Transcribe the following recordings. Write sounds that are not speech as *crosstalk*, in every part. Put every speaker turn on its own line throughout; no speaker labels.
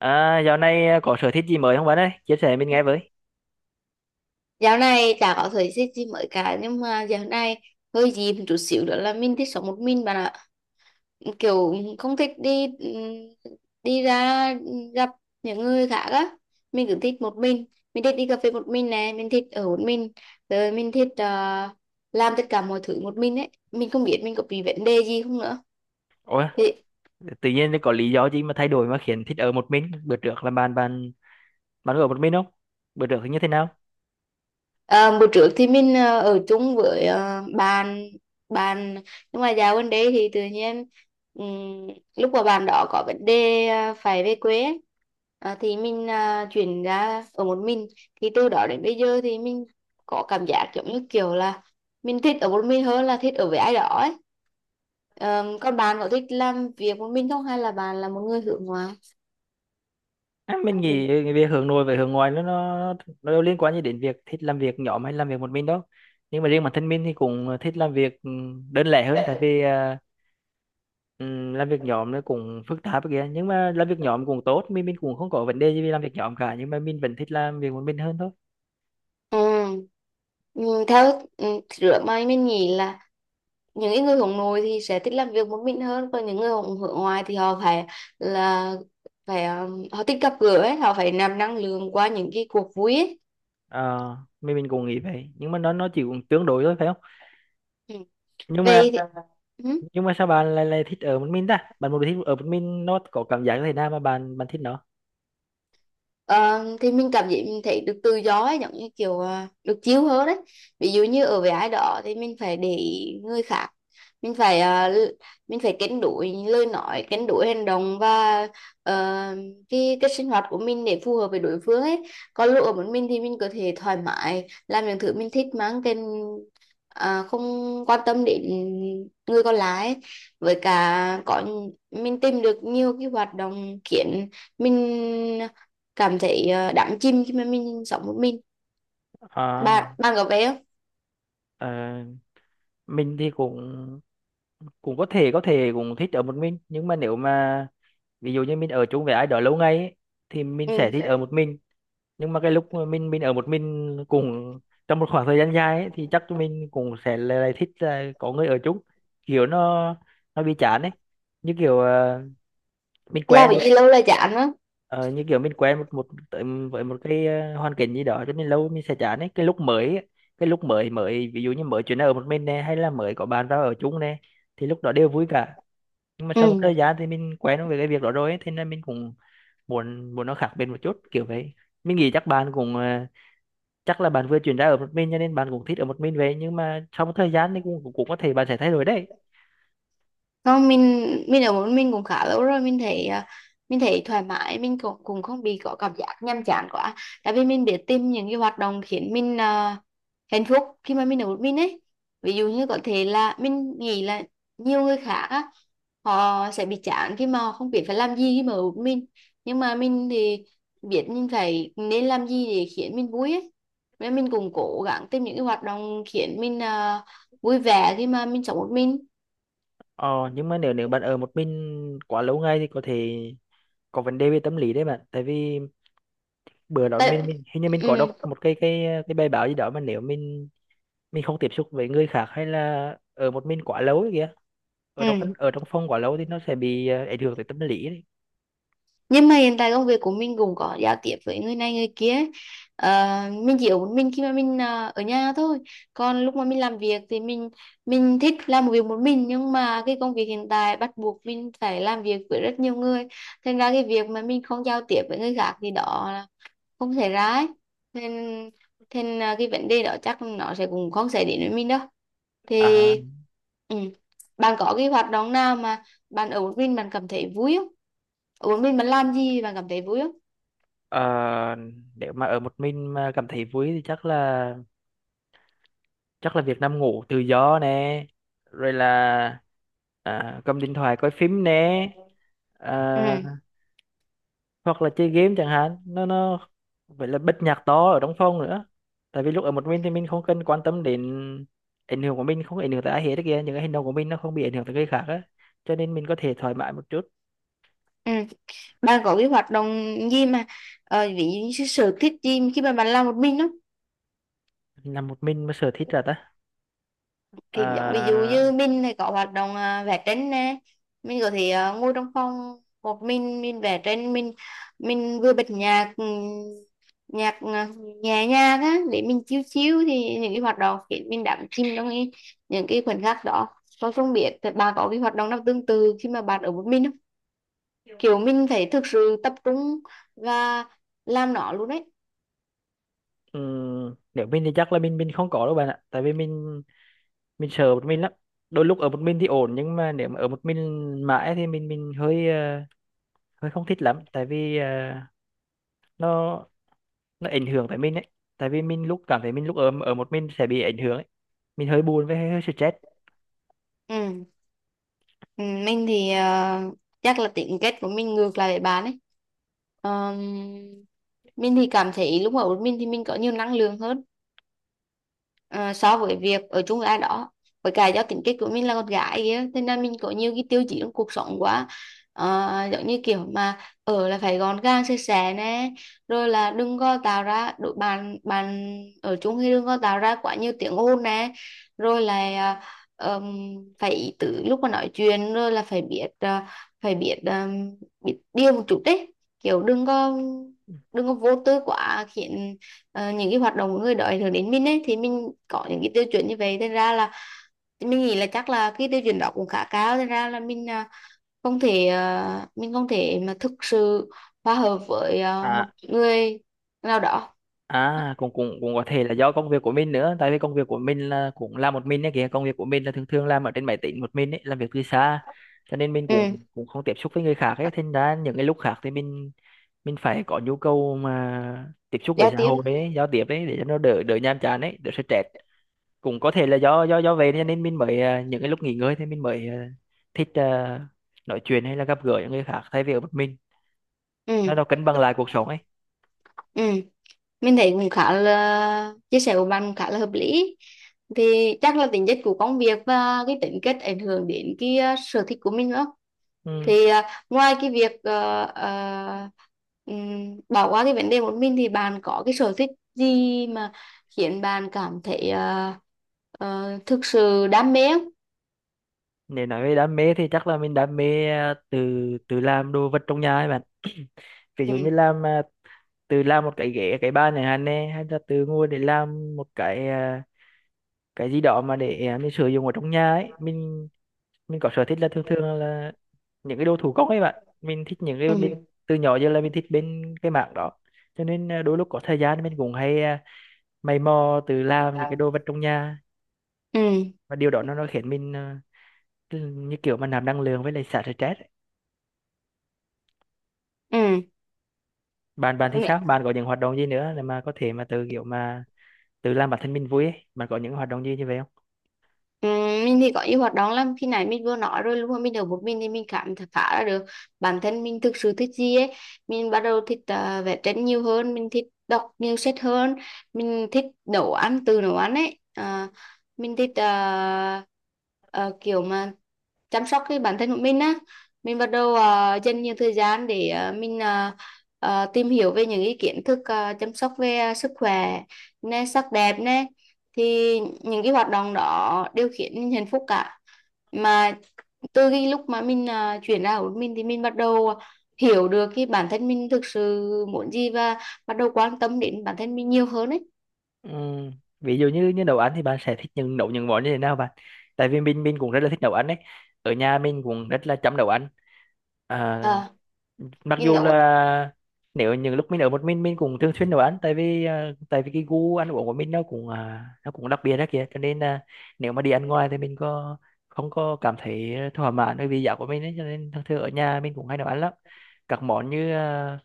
À, dạo này có sở thích gì mới không bạn ơi? Chia sẻ mình nghe với.
Dạo này chả có thời gian gì mới cả, nhưng mà dạo này hơi gì một chút xíu nữa là mình thích sống một mình bạn ạ, kiểu không thích đi đi ra gặp những người khác á, mình cứ thích một mình. Mình thích đi cà phê một mình này, mình thích ở một mình, rồi mình thích làm tất cả mọi thứ một mình ấy. Mình không biết mình có bị vấn đề gì không nữa.
Ủa, tự nhiên có lý do gì mà thay đổi mà khiến thích ở một mình? Bữa trước là bạn bạn bạn có ở một mình không? Bữa trước thì như thế nào?
Ờ, bữa trước thì mình ở chung với bạn bạn, nhưng mà dạo gần đây thì tự nhiên, ừm, lúc mà bạn đó có vấn đề, phải về quê ấy, thì mình chuyển ra ở một mình. Thì từ đó đến bây giờ thì mình có cảm giác giống như kiểu là mình thích ở một mình hơn là thích ở với ai đó ấy. Ờ, còn bạn có thích làm việc một mình không, hay là bạn là một người hướng ngoại?
À, mình nghĩ cái việc hướng nội với hướng ngoại nó nó đâu liên quan gì đến việc thích làm việc nhóm hay làm việc một mình đâu. Nhưng mà riêng bản thân mình thì cũng thích làm việc đơn lẻ hơn tại vì làm việc nhóm nó cũng phức tạp kìa, nhưng mà làm việc nhóm cũng tốt, mình cũng không có vấn đề gì vì làm việc nhóm cả nhưng mà mình vẫn thích làm việc một mình hơn thôi.
Ừ. Ừ, theo rửa mày mình nghĩ là những cái người hướng nội thì sẽ thích làm việc một mình hơn, còn những người hướng hướng ngoại thì họ phải là phải họ thích gặp gỡ ấy, họ phải nạp năng lượng qua những cái cuộc vui ấy.
Ờ, mình cũng nghĩ vậy nhưng mà nó chỉ cũng tương đối thôi phải không
Ừ.
nhưng mà
Vậy thì, ừ.
nhưng mà sao bạn lại lại thích ở một mình ta bạn một thích ở một mình nó có cảm giác như thế nào mà bạn bạn thích nó.
Ờ, thì mình cảm giác mình thấy được tự do ấy, giống như kiểu được chill hơn đấy. Ví dụ như ở với ai đó thì mình phải để ý người khác, mình phải à, l- mình phải cân đối lời nói, cân đối hành động và ờ, cái sinh hoạt của mình để phù hợp với đối phương ấy. Còn lúc ở một mình thì mình có thể thoải mái làm những thứ mình thích mang tên, không quan tâm đến người còn lại ấy. Với cả có mình tìm được nhiều cái hoạt động khiến mình cảm thấy đắm chìm khi mà mình sống một mình.
À,
Bạn bạn có về không?
ờ, mình thì cũng cũng có thể cũng thích ở một mình nhưng mà nếu mà ví dụ như mình ở chung với ai đó lâu ngày ấy, thì mình sẽ
Ừ.
thích ở một mình nhưng mà cái lúc mà mình ở một mình cùng trong một khoảng thời gian dài ấy, thì chắc mình cũng sẽ lại lại thích là có người ở chung kiểu nó bị chán ấy như kiểu mình
Làm
quen
cái
một
gì lâu là chán á.
ờ, như kiểu mình quen một một tới với một cái hoàn cảnh gì đó cho nên lâu mình sẽ chán ấy cái lúc mới ấy, cái lúc mới mới ví dụ như mới chuyển ở một mình này hay là mới có bạn vào ở chung này thì lúc đó đều vui cả nhưng mà
Ừ.
sau một thời gian thì mình quen với cái việc đó rồi ấy, thế nên mình cũng muốn muốn nó khác biệt một chút kiểu vậy. Mình nghĩ chắc bạn cũng chắc là bạn vừa chuyển ra ở một mình cho nên bạn cũng thích ở một mình vậy nhưng mà sau một thời gian thì cũng cũng cũng có thể bạn sẽ thay đổi đấy.
Không, mình ở một mình cũng khá lâu rồi, mình thấy mình thấy thoải mái, mình cũng cũng không bị có cảm giác nhàm chán quá, tại vì mình biết tìm những cái hoạt động khiến mình hạnh phúc khi mà mình ở một mình ấy. Ví dụ như có thể là mình nghĩ là nhiều người khác á, họ sẽ bị chán khi mà họ không biết phải làm gì khi mà ở một mình. Nhưng mà mình thì biết mình phải nên làm gì để khiến mình vui ấy, nên mình cũng cố gắng tìm những cái hoạt động khiến mình vui vẻ khi mà mình sống một mình
Ờ, nhưng mà nếu nếu bạn ở một mình quá lâu ngày thì có thể có vấn đề về tâm lý đấy bạn, tại vì bữa đó
tại.
mình hình như mình có
Ừ.
đọc một cái cái bài báo gì đó mà nếu mình không tiếp xúc với người khác hay là ở một mình quá lâu ấy kìa ở trong
Ừ.
ở trong phòng quá lâu thì nó sẽ bị ảnh hưởng tới tâm lý đấy.
Nhưng mà hiện tại công việc của mình cũng có giao tiếp với người này người kia ấy. Ờ, mình chỉ ở một mình khi mà mình ở nhà thôi. Còn lúc mà mình làm việc thì mình thích làm một việc một mình, nhưng mà cái công việc hiện tại bắt buộc mình phải làm việc với rất nhiều người. Thành ra cái việc mà mình không giao tiếp với người khác thì đó không xảy ra ấy, nên nên à, cái vấn đề đó chắc nó sẽ cũng không xảy đến với mình đâu thì.
À,
Ừ. Bạn có cái hoạt động nào mà bạn ở một mình bạn cảm thấy vui không? Ở một mình bạn làm gì bạn cảm thấy vui không?
ờ, nếu mà ở một mình mà cảm thấy vui thì chắc là việc nằm ngủ tự do nè, rồi là cầm điện thoại coi phim nè,
Ừ.
à, hoặc là chơi game chẳng hạn nó vậy là bật nhạc to ở trong phòng nữa tại vì lúc ở một mình thì mình không cần quan tâm đến ảnh hưởng của mình không ảnh hưởng tới ai hết kia những cái hành động của mình nó không bị ảnh hưởng tới người khác á cho nên mình có thể thoải mái một chút.
Ừ. Bạn có cái hoạt động gì mà ví dụ như cái sở thích gì khi mà bạn làm một mình đó?
Làm một mình mà sở thích là ta.
Thì giống ví dụ
à,
như mình thì có hoạt động vẽ tranh nè. Mình có thể ngồi trong phòng một mình vẽ tranh, mình vừa bật nhạc, nhạc nhẹ nhàng á để mình chill chill, thì những cái hoạt động khiến mình đắm chìm trong cái, những cái khoảnh khắc đó. Tôi không biết thì bà có cái hoạt động nào tương tự khi mà bạn ở một mình không? Kiểu mình phải thực sự tập trung và làm nó luôn đấy.
Nếu mình thì chắc là mình không có đâu bạn ạ tại vì mình sợ một mình lắm, đôi lúc ở một mình thì ổn nhưng mà nếu mà ở một mình mãi thì mình hơi hơi không thích lắm tại vì nó nó ảnh hưởng tới mình ấy tại vì mình lúc cảm thấy mình lúc ở ở một mình sẽ bị ảnh hưởng ấy, mình hơi buồn với hơi, hơi stress.
Ừ. Ừ, mình thì chắc là tính kết của mình ngược lại để bán ấy. Ờm, mình thì cảm thấy lúc ở một mình thì mình có nhiều năng lượng hơn ờ, so với việc ở chung với ai đó. Với cả do tính cách của mình là con gái kia, thế nên mình có nhiều cái tiêu chí trong cuộc sống quá. Ờ, giống như kiểu mà ở là phải gọn gàng sạch sẽ nè, rồi là đừng có tạo ra đội bàn bàn ở chung, thì đừng có tạo ra quá nhiều tiếng ồn nè, rồi là phải ý tứ lúc mà nói chuyện, rồi là phải biết ờ, phải biết biết điều một chút đấy, kiểu đừng có vô tư quá khiến những cái hoạt động của người đó ảnh hưởng đến mình ấy. Thì mình có những cái tiêu chuẩn như vậy, thành ra là mình nghĩ là chắc là cái tiêu chuẩn đó cũng khá cao, thành ra là mình không thể mà thực sự hòa hợp với một
À,
người nào đó.
à cũng cũng cũng có thể là do công việc của mình nữa tại vì công việc của mình là cũng làm một mình ấy kìa công việc của mình là thường thường làm ở trên máy tính một mình ấy làm việc từ xa cho nên mình
Ừ.
cũng cũng không tiếp xúc với người khác ấy thành ra những cái lúc khác thì mình phải có nhu cầu mà tiếp xúc với
Giao
xã
tiếp.
hội ấy giao tiếp ấy để cho nó đỡ đỡ nhàm chán ấy đỡ stress. Cũng có thể là do do vậy cho nên mình mới những cái lúc nghỉ ngơi thì mình mới thích nói chuyện hay là gặp gỡ những người khác thay vì ở một mình,
Ừ.
nó cân bằng lại cuộc sống ấy.
Ừ. Mình thấy cũng khá là chia sẻ của bạn cũng khá là hợp lý, thì chắc là tính chất của công việc và cái tính cách ảnh hưởng đến cái sở thích của mình nữa.
Ừ.
Thì ngoài cái việc bỏ qua cái vấn đề một mình thì bạn có cái sở thích gì mà khiến bạn cảm thấy thực sự đam mê không?
Nếu nói về đam mê thì chắc là mình đam mê từ từ làm đồ vật trong nhà ấy bạn *clears throat* ví dụ như
Ừ.
làm từ làm một cái ghế cái bàn này hàn nè hay là từ ngồi để làm một cái cái gì đó mà để mình sử dụng ở trong nhà ấy, mình có sở thích là thường thường là những cái đồ thủ công ấy bạn, mình thích những cái
Ừ.
bên từ nhỏ giờ là mình thích bên cái mảng đó cho nên đôi lúc có thời gian mình cũng hay mày mò tự làm những cái đồ vật trong nhà,
Ừ.
và điều đó nó khiến mình cứ như kiểu mà nạp năng lượng với lại xả stress ấy. Bạn bạn thì
Ừ.
sao bạn có những hoạt động gì nữa để mà có thể mà tự kiểu mà tự làm bản thân mình vui ấy, bạn có những hoạt động gì như vậy không?
Ừ, mình thì có nhiều hoạt động lắm. Khi nãy mình vừa nói rồi, lúc mà mình ở một mình thì mình cảm thấy phá ra được bản thân mình thực sự thích gì ấy. Mình bắt đầu thích vẽ tranh nhiều hơn, mình thích đọc nhiều sách hơn, mình thích nấu ăn từ nấu ăn ấy. Ờ, mình thích ờ, kiểu mà chăm sóc cái bản thân của mình á. Mình bắt đầu dành nhiều thời gian để mình tìm hiểu về những cái kiến thức chăm sóc về sức khỏe nè sắc đẹp nè. Thì những cái hoạt động đó đều khiến mình hạnh phúc cả, mà từ cái lúc mà mình chuyển ra của mình thì mình bắt đầu hiểu được cái bản thân mình thực sự muốn gì và bắt đầu quan tâm đến bản thân mình nhiều hơn ấy.
Ừ. Ví dụ như như nấu ăn thì bạn sẽ thích những nấu những món như thế nào bạn? Tại vì mình cũng rất là thích nấu ăn đấy. Ở nhà mình cũng rất là chăm nấu ăn. À,
À,
mặc
mình
dù
nấu.
là nếu những lúc mình ở một mình cũng thường xuyên nấu ăn tại vì tại vì cái gu ăn uống của mình nó cũng nó cũng đặc biệt đó kìa cho nên là nếu mà đi ăn ngoài thì mình có không có cảm thấy thỏa mãn bởi vì giá của mình ấy cho nên thường thường ở nhà mình cũng hay nấu ăn lắm các món như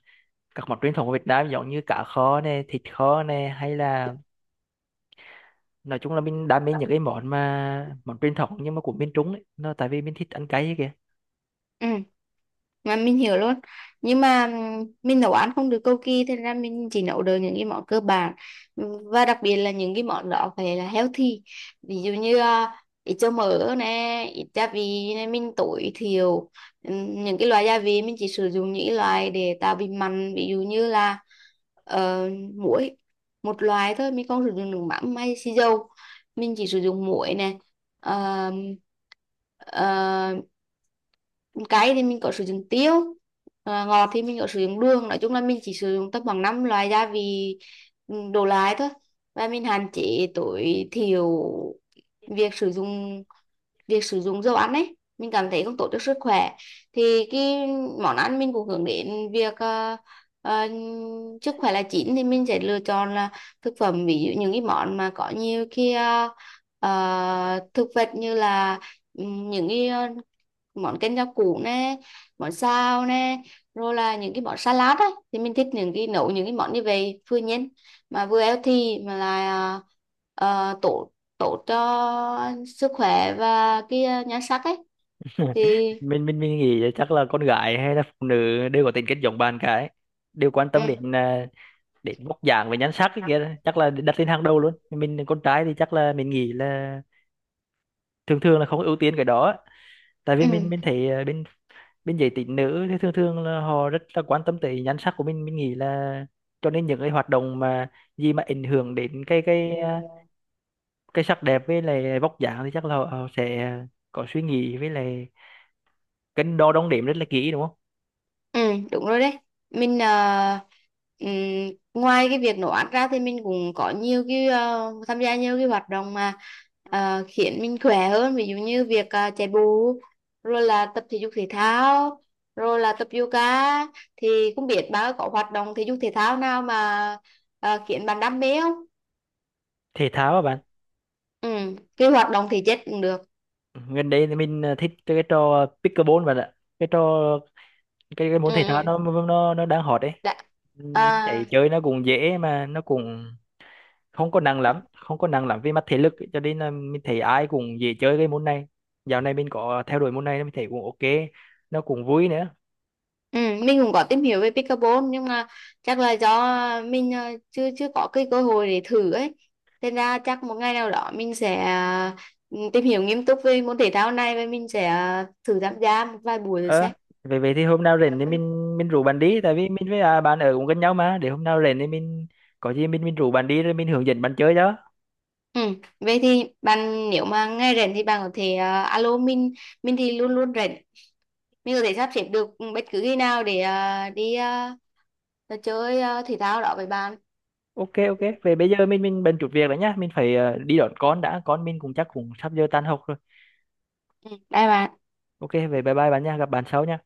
các món truyền thống của Việt Nam giống như cá kho này thịt kho này hay là nói chung là mình đam mê những cái món mà món truyền thống nhưng mà của miền Trung ấy, nó tại vì mình thích ăn cay ấy kìa.
Ừ. Mà mình hiểu luôn. Nhưng mà mình nấu ăn không được cầu kỳ, thế ra mình chỉ nấu được những cái món cơ bản, và đặc biệt là những cái món đó phải là healthy. Ví dụ như ít cho mỡ nè, ít gia vị nè, mình tối thiểu. Những cái loại gia vị mình chỉ sử dụng những cái loại để tạo vị mặn, ví dụ như là ờ, muối. Một loại thôi, mình không sử dụng nước mắm hay xì dầu, mình chỉ sử dụng muối nè. Ờ, cay thì mình có sử dụng tiêu. Ờ, ngọt thì mình có sử dụng đường. Nói chung là mình chỉ sử dụng tầm khoảng 5 loại gia vị ừ, đổ lại thôi. Và mình hạn chế tối thiểu việc sử dụng việc sử dụng dầu ăn ấy, mình cảm thấy không tốt cho sức khỏe. Thì cái món ăn mình cũng hướng đến việc ờ, sức khỏe là chính, thì mình sẽ lựa chọn là thực phẩm, ví dụ những cái món mà có nhiều cái thực vật, như là ừ, những cái món canh rau củ nè, món xào nè, rồi là những cái món salad á. Thì mình thích những cái nấu những cái món như vậy, vừa nhanh mà vừa healthy mà là tốt tốt cho sức khỏe và cái nhan sắc ấy. Thì
Mình nghĩ là chắc là con gái hay là phụ nữ đều có tính kết giống bạn cái đều quan tâm
ừ.
đến đến vóc dáng và nhan sắc ấy kìa chắc là đặt lên hàng đầu luôn, mình con trai thì chắc là mình nghĩ là thường thường là không ưu tiên cái đó tại vì mình
Ừ.
mình thấy bên bên giới tính nữ thì thường thường là họ rất là quan tâm tới nhan sắc của mình nghĩ là cho nên những cái hoạt động mà gì mà ảnh hưởng đến cái cái sắc đẹp với lại vóc dáng thì chắc là họ sẽ có suy nghĩ với lại cân đo đong đếm rất là kỹ đúng không.
Ừ, đúng rồi đấy. Mình ừm, ngoài cái việc nấu ăn ra thì mình cũng có nhiều cái tham gia nhiều cái hoạt động mà khiến mình khỏe hơn, ví dụ như việc chạy bộ, rồi là tập thể dục thể thao, rồi là tập yoga. Thì không biết bạn có hoạt động thể dục thể thao nào mà khiến bạn đam mê không?
Thể thao các bạn,
Ừ, cái hoạt động thể chất cũng được.
gần đây thì mình thích cái trò pickleball bạn ạ, cái trò cái
Ừ,
môn thể thao
ừ,
nó đang hot đấy.
đã.
Thấy chơi nó cũng dễ mà nó cũng không có nặng lắm không có nặng lắm về mặt thể lực ấy. Cho nên là mình thấy ai cũng dễ chơi cái môn này, dạo này mình có theo đuổi môn này mình thấy cũng ok, nó cũng vui nữa.
Ừ, mình cũng có tìm hiểu về pickleball, nhưng mà chắc là do mình chưa chưa có cái cơ hội để thử ấy. Thế ra chắc một ngày nào đó mình sẽ tìm hiểu nghiêm túc về môn thể thao này, và mình sẽ thử tham gia một vài buổi rồi
Ờ,
sẽ.
vậy vậy thì hôm nào rảnh thì mình rủ bạn đi tại vì mình với bạn ở cũng gần nhau mà, để hôm nào rảnh thì mình có gì mình rủ bạn đi rồi mình hướng dẫn bạn chơi đó.
Ừ, vậy thì bạn nếu mà ngày rảnh thì bạn có thể alo mình thì luôn luôn rảnh. Mình có thể sắp xếp được bất cứ khi nào để đi chơi thể thao đó với bạn.
Ok, ok về bây giờ mình bận chút việc rồi nhá, mình phải đi đón con đã, con mình cũng chắc cũng sắp giờ tan học rồi.
Ừ, bye bạn.
Ok về, bye bye bạn nha, gặp bạn sau nha.